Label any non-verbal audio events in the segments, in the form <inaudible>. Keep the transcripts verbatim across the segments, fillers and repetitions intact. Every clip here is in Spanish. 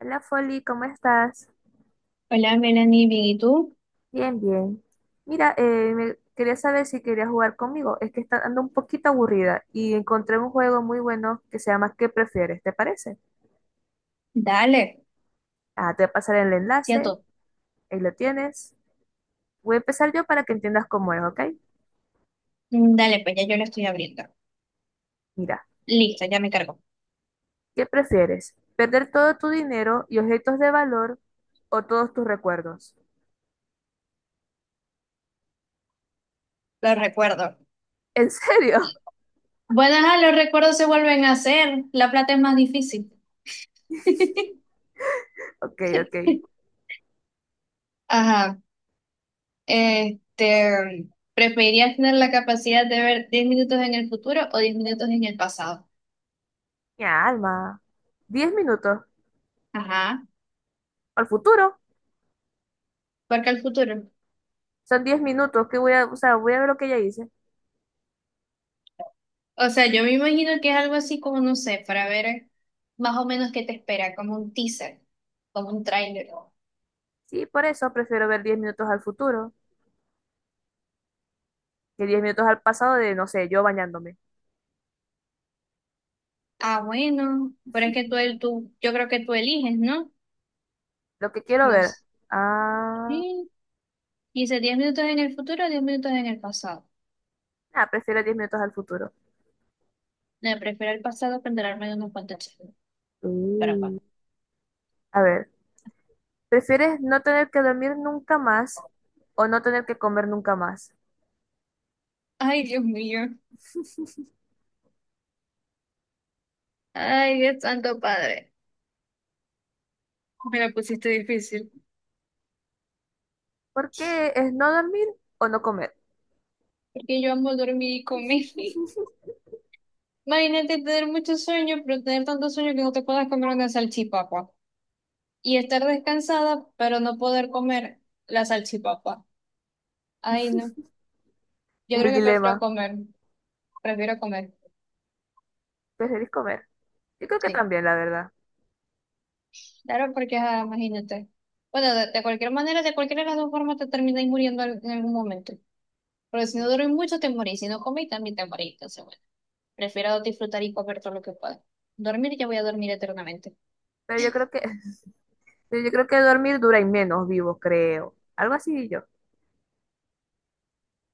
Hola Folly, ¿cómo estás? Hola, Melanie, ¿bien y tú? Bien, bien. Mira, eh, me- quería saber si querías jugar conmigo. Es que está ando un poquito aburrida y encontré un juego muy bueno que se llama ¿Qué prefieres? ¿Te parece? Dale, Ah, te voy a pasar el enlace, cierto. ahí lo tienes. Voy a empezar yo para que entiendas cómo es, ¿ok? Mm, Dale, pues ya yo lo estoy abriendo. Mira, Listo, ya me cargo. ¿qué prefieres? ¿Perder todo tu dinero y objetos de valor o todos tus recuerdos? Lo recuerdo. ¿En serio? <laughs> Bueno, ajá, los recuerdos se vuelven a hacer. La plata es más difícil. <laughs> Ok, ok. Ajá. Este, ¿preferirías tener la capacidad de ver diez minutos en el futuro o diez minutos en el pasado? Mi alma. Diez minutos. Ajá. ¿Al futuro? Porque el futuro. Son diez minutos que voy a, o sea, voy a ver lo que ella hice. O sea, yo me imagino que es algo así como, no sé, para ver más o menos qué te espera, como un teaser, como un tráiler. Sí, por eso prefiero ver diez minutos al futuro que diez minutos al pasado de, no sé, yo bañándome. Ah, bueno, pero es que tú, el- tú, yo creo que tú eliges, ¿no? Lo que quiero No ver. sé. Ah, Sí, dice diez minutos en el futuro, diez minutos en el pasado. ah, prefiero diez minutos al futuro. No, prefiero el pasado para enterarme de unos cuantos chismes. Pero Mm. bueno. A ver, ¿prefieres no tener que dormir nunca más o no tener que comer nunca más? Ay, Dios mío. Ay, Dios santo padre. Me la pusiste difícil. ¿Por qué es no dormir o no comer? Porque yo amo dormir y comer. <laughs> <laughs> Imagínate tener mucho sueño, pero tener tanto sueño que no te puedas comer una salchipapa. Y estar descansada, pero no poder comer la salchipapa. Ay, no. Yo Es creo el que prefiero dilema. comer. Prefiero comer. ¿Preferís comer? Yo creo que Sí, también, la verdad. claro, porque ah, imagínate. Bueno, de, de cualquier manera, de cualquiera de las dos formas te termináis muriendo al- en algún momento. Porque si no duermes mucho, te morís. Si no comís, también te morís. Entonces, bueno, prefiero disfrutar y comer todo lo que pueda. Dormir, ya voy a dormir eternamente. Pero yo creo que, <laughs> pero yo creo que dormir dura y menos vivo, creo. Algo así yo.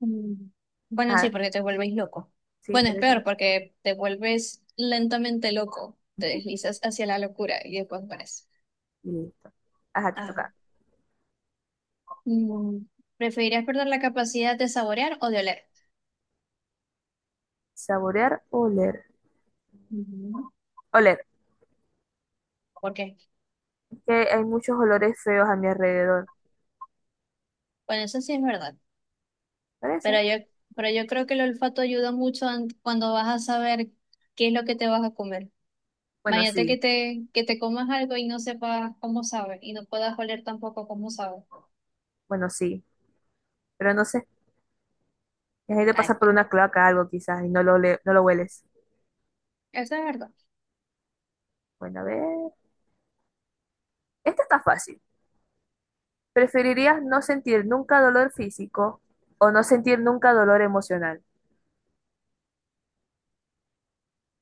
Mm. Bueno, sí, Ajá, porque te vuelves loco. sí, Bueno, por es peor, eso. porque te vuelves lentamente loco. Te deslizas hacia la locura y después mueres. Y listo. Ajá, te Ah. toca. Mm. ¿Preferirías perder la capacidad de saborear o de oler? Saborear o oler. Ujú. Oler, ¿Por qué? que hay muchos olores feos a mi alrededor. Bueno, eso sí es verdad. ¿Por eso? Pero yo, pero yo creo que el olfato ayuda mucho an- cuando vas a saber qué es lo que te vas a comer. Bueno, Imagínate que sí, te, que te comas algo y no sepas cómo sabe y no puedas oler tampoco cómo sabe. bueno, sí. Pero no sé, la gente Ay, pasa por bueno, una cloaca algo quizás y no lo, ole- no lo hueles. eso es verdad. Bueno, a ver. Esta está fácil. ¿Preferirías no sentir nunca dolor físico o no sentir nunca dolor emocional?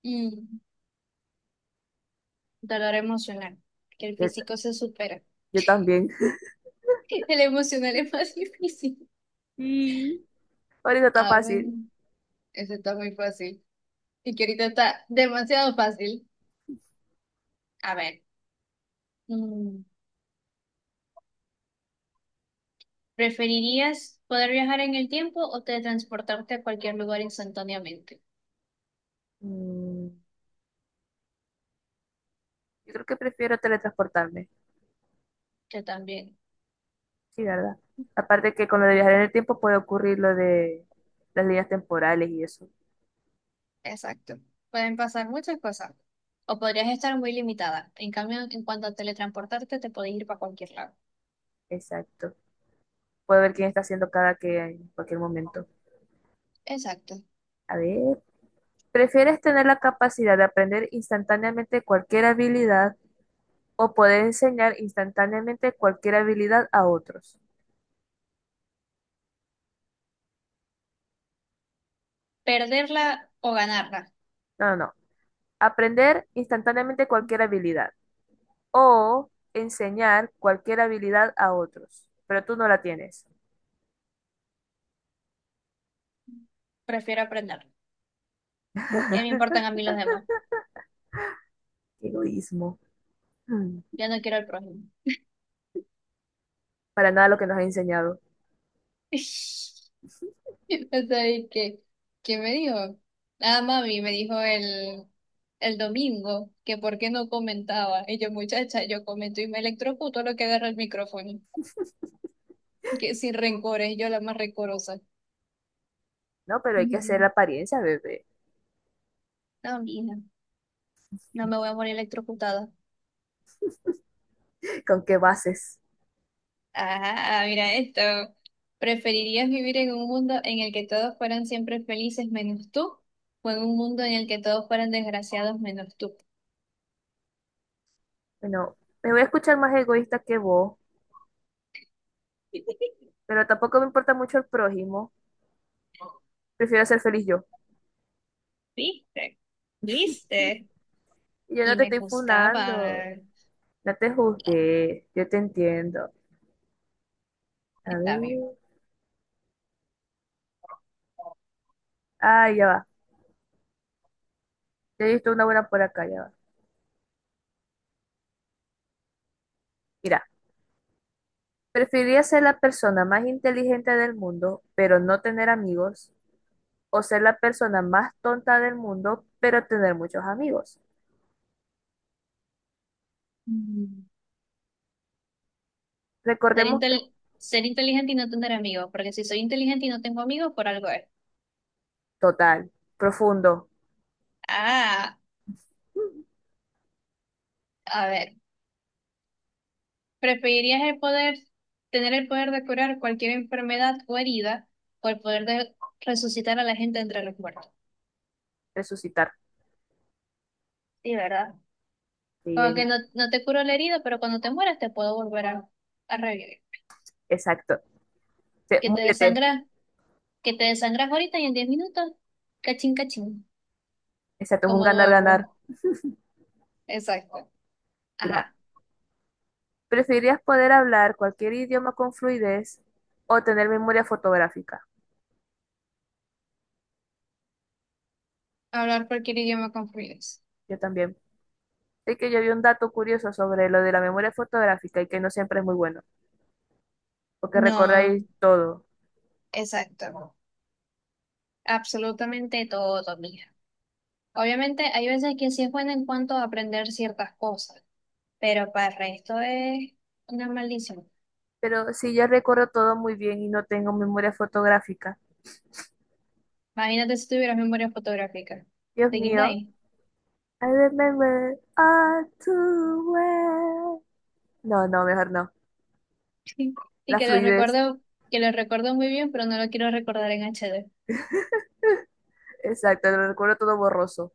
Mm, Dolor emocional, que el Yo, t- físico se supera. <laughs> yo también. <laughs> El emocional es más <laughs> difícil. Sí. Por eso está A ver, fácil. eso está muy fácil. Y que ahorita está demasiado fácil. A ver, mm, ¿preferirías poder viajar en el tiempo o teletransportarte a cualquier lugar instantáneamente? Mm, yo creo que prefiero teletransportarme. Yo también, Sí, ¿verdad? Aparte que con lo de viajar en el tiempo puede ocurrir lo de las líneas temporales y eso. exacto. Pueden pasar muchas cosas. O podrías estar muy limitada. En cambio, en cuanto a teletransportarte, te podés ir para cualquier lado. Exacto. Puedo ver quién está haciendo cada que en cualquier momento. Exacto. A ver, ¿prefieres tener la capacidad de aprender instantáneamente cualquier habilidad o poder enseñar instantáneamente cualquier habilidad a otros? Perderla o ganarla. No, no, no. Aprender instantáneamente cualquier habilidad o enseñar cualquier habilidad a otros, pero tú no la tienes. Prefiero aprenderla. ¿Qué me importan a mí los demás? Egoísmo. Hmm, Ya no quiero el prójimo. para nada lo que nos ha enseñado. <laughs> O sea, ¿y ¿qué, qué me dijo? Ah, mami, me dijo el, el domingo que por qué no comentaba. Y yo, muchacha, yo comento y me electrocuto lo que agarra el micrófono. Que sin rencores, yo la más rencorosa. No, pero hay que hacer la Ujú. apariencia, bebé. No, mija, no me voy a morir electrocutada. <laughs> ¿Con qué bases? Ah, mira esto. ¿Preferirías vivir en un mundo en el que todos fueran siempre felices menos tú? ¿O en un mundo en el que todos fueran desgraciados menos tú? Bueno, me voy a escuchar más egoísta que vos, pero tampoco me importa mucho el prójimo. Prefiero ser feliz yo. ¿Viste? ¿Viste? Y yo no Y te me estoy funando, juzgaban. no te No, juzgué, yo te entiendo. A está bien. ver. Ah, ya va. Ya he visto una buena por acá, ya va. Mira, preferiría ser la persona más inteligente del mundo, pero no tener amigos, o ser la persona más tonta del mundo, pero tener muchos amigos. Mm. Ser, Recordemos que, intel- ser inteligente y no tener amigos, porque si soy inteligente y no tengo amigos, por algo es. total, profundo, Ah, mm, a ver. ¿Preferirías el poder, tener el poder de curar cualquier enfermedad o herida o el poder de resucitar a la gente entre los muertos? resucitar. Sí, ¿verdad? Sí, Como que ahí- no, no te curo la herida, pero cuando te mueras te puedo volver a, a revivir. exacto. Sí, Que te muérete. desangras, que te desangras ahorita y en diez minutos, cachín, cachín, Exacto, es un como ganar-ganar. nuevo. Exacto. Mira. Ajá. ¿Preferirías poder hablar cualquier idioma con fluidez o tener memoria fotográfica? Hablar cualquier idioma con fluidez. Yo también. Es que yo vi un dato curioso sobre lo de la memoria fotográfica y que no siempre es muy bueno, porque recordáis No, todo. exacto. Absolutamente todo, mija. Obviamente hay veces que sí es bueno en cuanto a aprender ciertas cosas pero para el resto es una maldición. Pero si yo recuerdo todo muy bien y no tengo memoria fotográfica, Imagínate si tuvieras memoria fotográfica. Dios ¿Te quita mío, ahí? I remember all too well. No, no, mejor no. <laughs> Y La que lo fluidez, recuerdo, que lo recuerdo muy bien, pero no lo quiero recordar en H D. exacto, lo recuerdo todo borroso.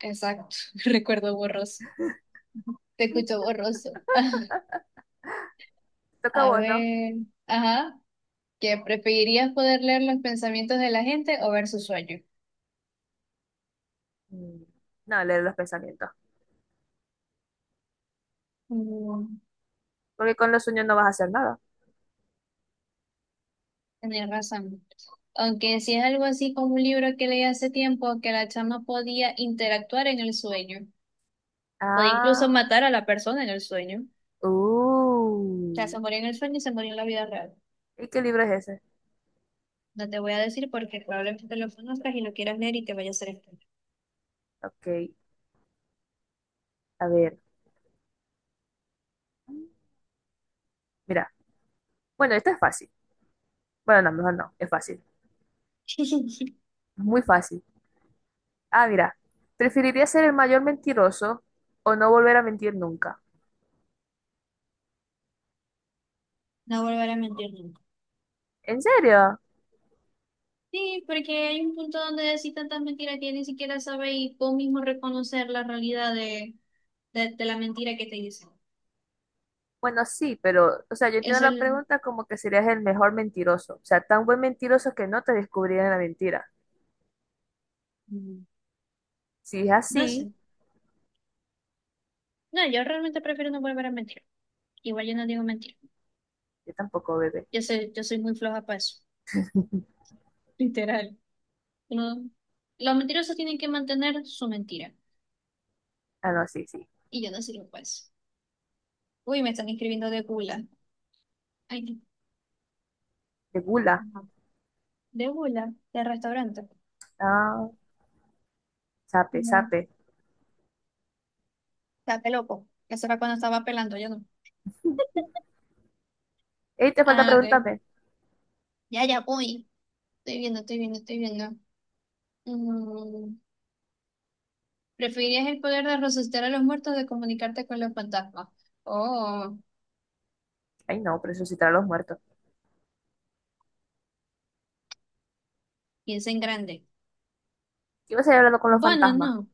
Exacto, <laughs> recuerdo borroso. Te escucho borroso. Te <laughs> toca a A vos, ¿no? ver, ajá, ¿que preferirías poder leer los pensamientos de la gente o ver sus sueños? Mm, no, leer los pensamientos, Mm, porque con los sueños no vas a hacer nada. Tenés razón. Aunque si es algo así como un libro que leí hace tiempo, que la chama podía interactuar en el sueño. Puede Ah. incluso matar a la persona en el sueño. O sea, Uh, se murió en el sueño y se murió en la vida real. ¿y qué libro es ese? No te voy a decir porque probablemente lo conozcas y lo quieras leer y te vaya a hacer esto. Ok, a ver. Mira, bueno, esto es fácil. Bueno, no, mejor no, es fácil. <laughs> Es muy fácil. Ah, mira, ¿preferiría ser el mayor mentiroso o no volver a mentir nunca? No volveré a mentir nunca. ¿En serio? Sí, porque hay un punto donde decís tantas mentiras que ni siquiera sabes y vos mismo reconocer la realidad de, de, de la mentira que te dicen. Bueno, sí, pero, o sea, yo entiendo Eso la es- pregunta como que serías el mejor mentiroso. O sea, tan buen mentiroso que no te descubrirían la mentira. mm, Si es no así, sé. No, yo realmente prefiero no volver a mentir. Igual yo no digo mentir. yo tampoco, bebé. Yo soy, yo soy muy floja para eso. <laughs> Literal. No. Los mentirosos tienen que mantener su mentira. Ah, no, sí, sí. Y yo no sé qué es. Uy, me están escribiendo de gula. Ay, De gula. no. Ajá. De gula, de restaurante. Ah, sape, No. sape. Está loco. Eso era cuando estaba pelando, yo no. Ey, te falta Ah, de. preguntarme. Ya, ya voy. Estoy viendo, estoy viendo, estoy viendo. Mm, ¿Preferirías el poder de resucitar a los muertos de comunicarte con los fantasmas? Oh, Ay, no, resucitar a los muertos. piensa en grande. Iba a seguir hablando con los Bueno, fantasmas. no.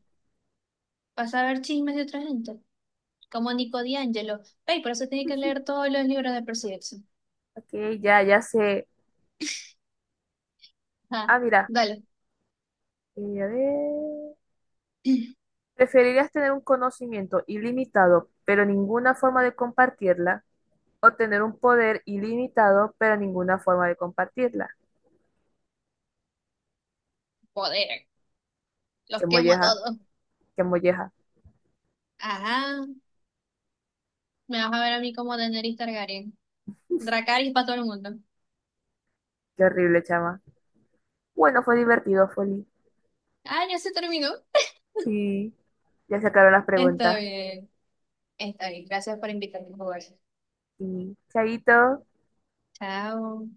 Vas a ver chismes de otra gente. Como Nico D'Angelo. Ey, por eso tiene que leer todos los libros de Percy Jackson. Ok, ya, ya sé. Ah, Ah, mira, dale. eh, a ver. <clears throat> ¿Preferirías tener un conocimiento ilimitado, pero ninguna forma de compartirla? ¿O tener un poder ilimitado, pero ninguna forma de compartirla? Poder. Qué Los quemo a molleja, todos. qué molleja. Ajá, me vas a ver a mí como Daenerys Targaryen. Dracarys para todo el mundo. Qué horrible, chama. Bueno, fue divertido, Foli. Ah, ya se terminó. Sí, ya se acabaron las Está preguntas. bien, está bien. Gracias por invitarme a jugar. Sí, chaito. Chao.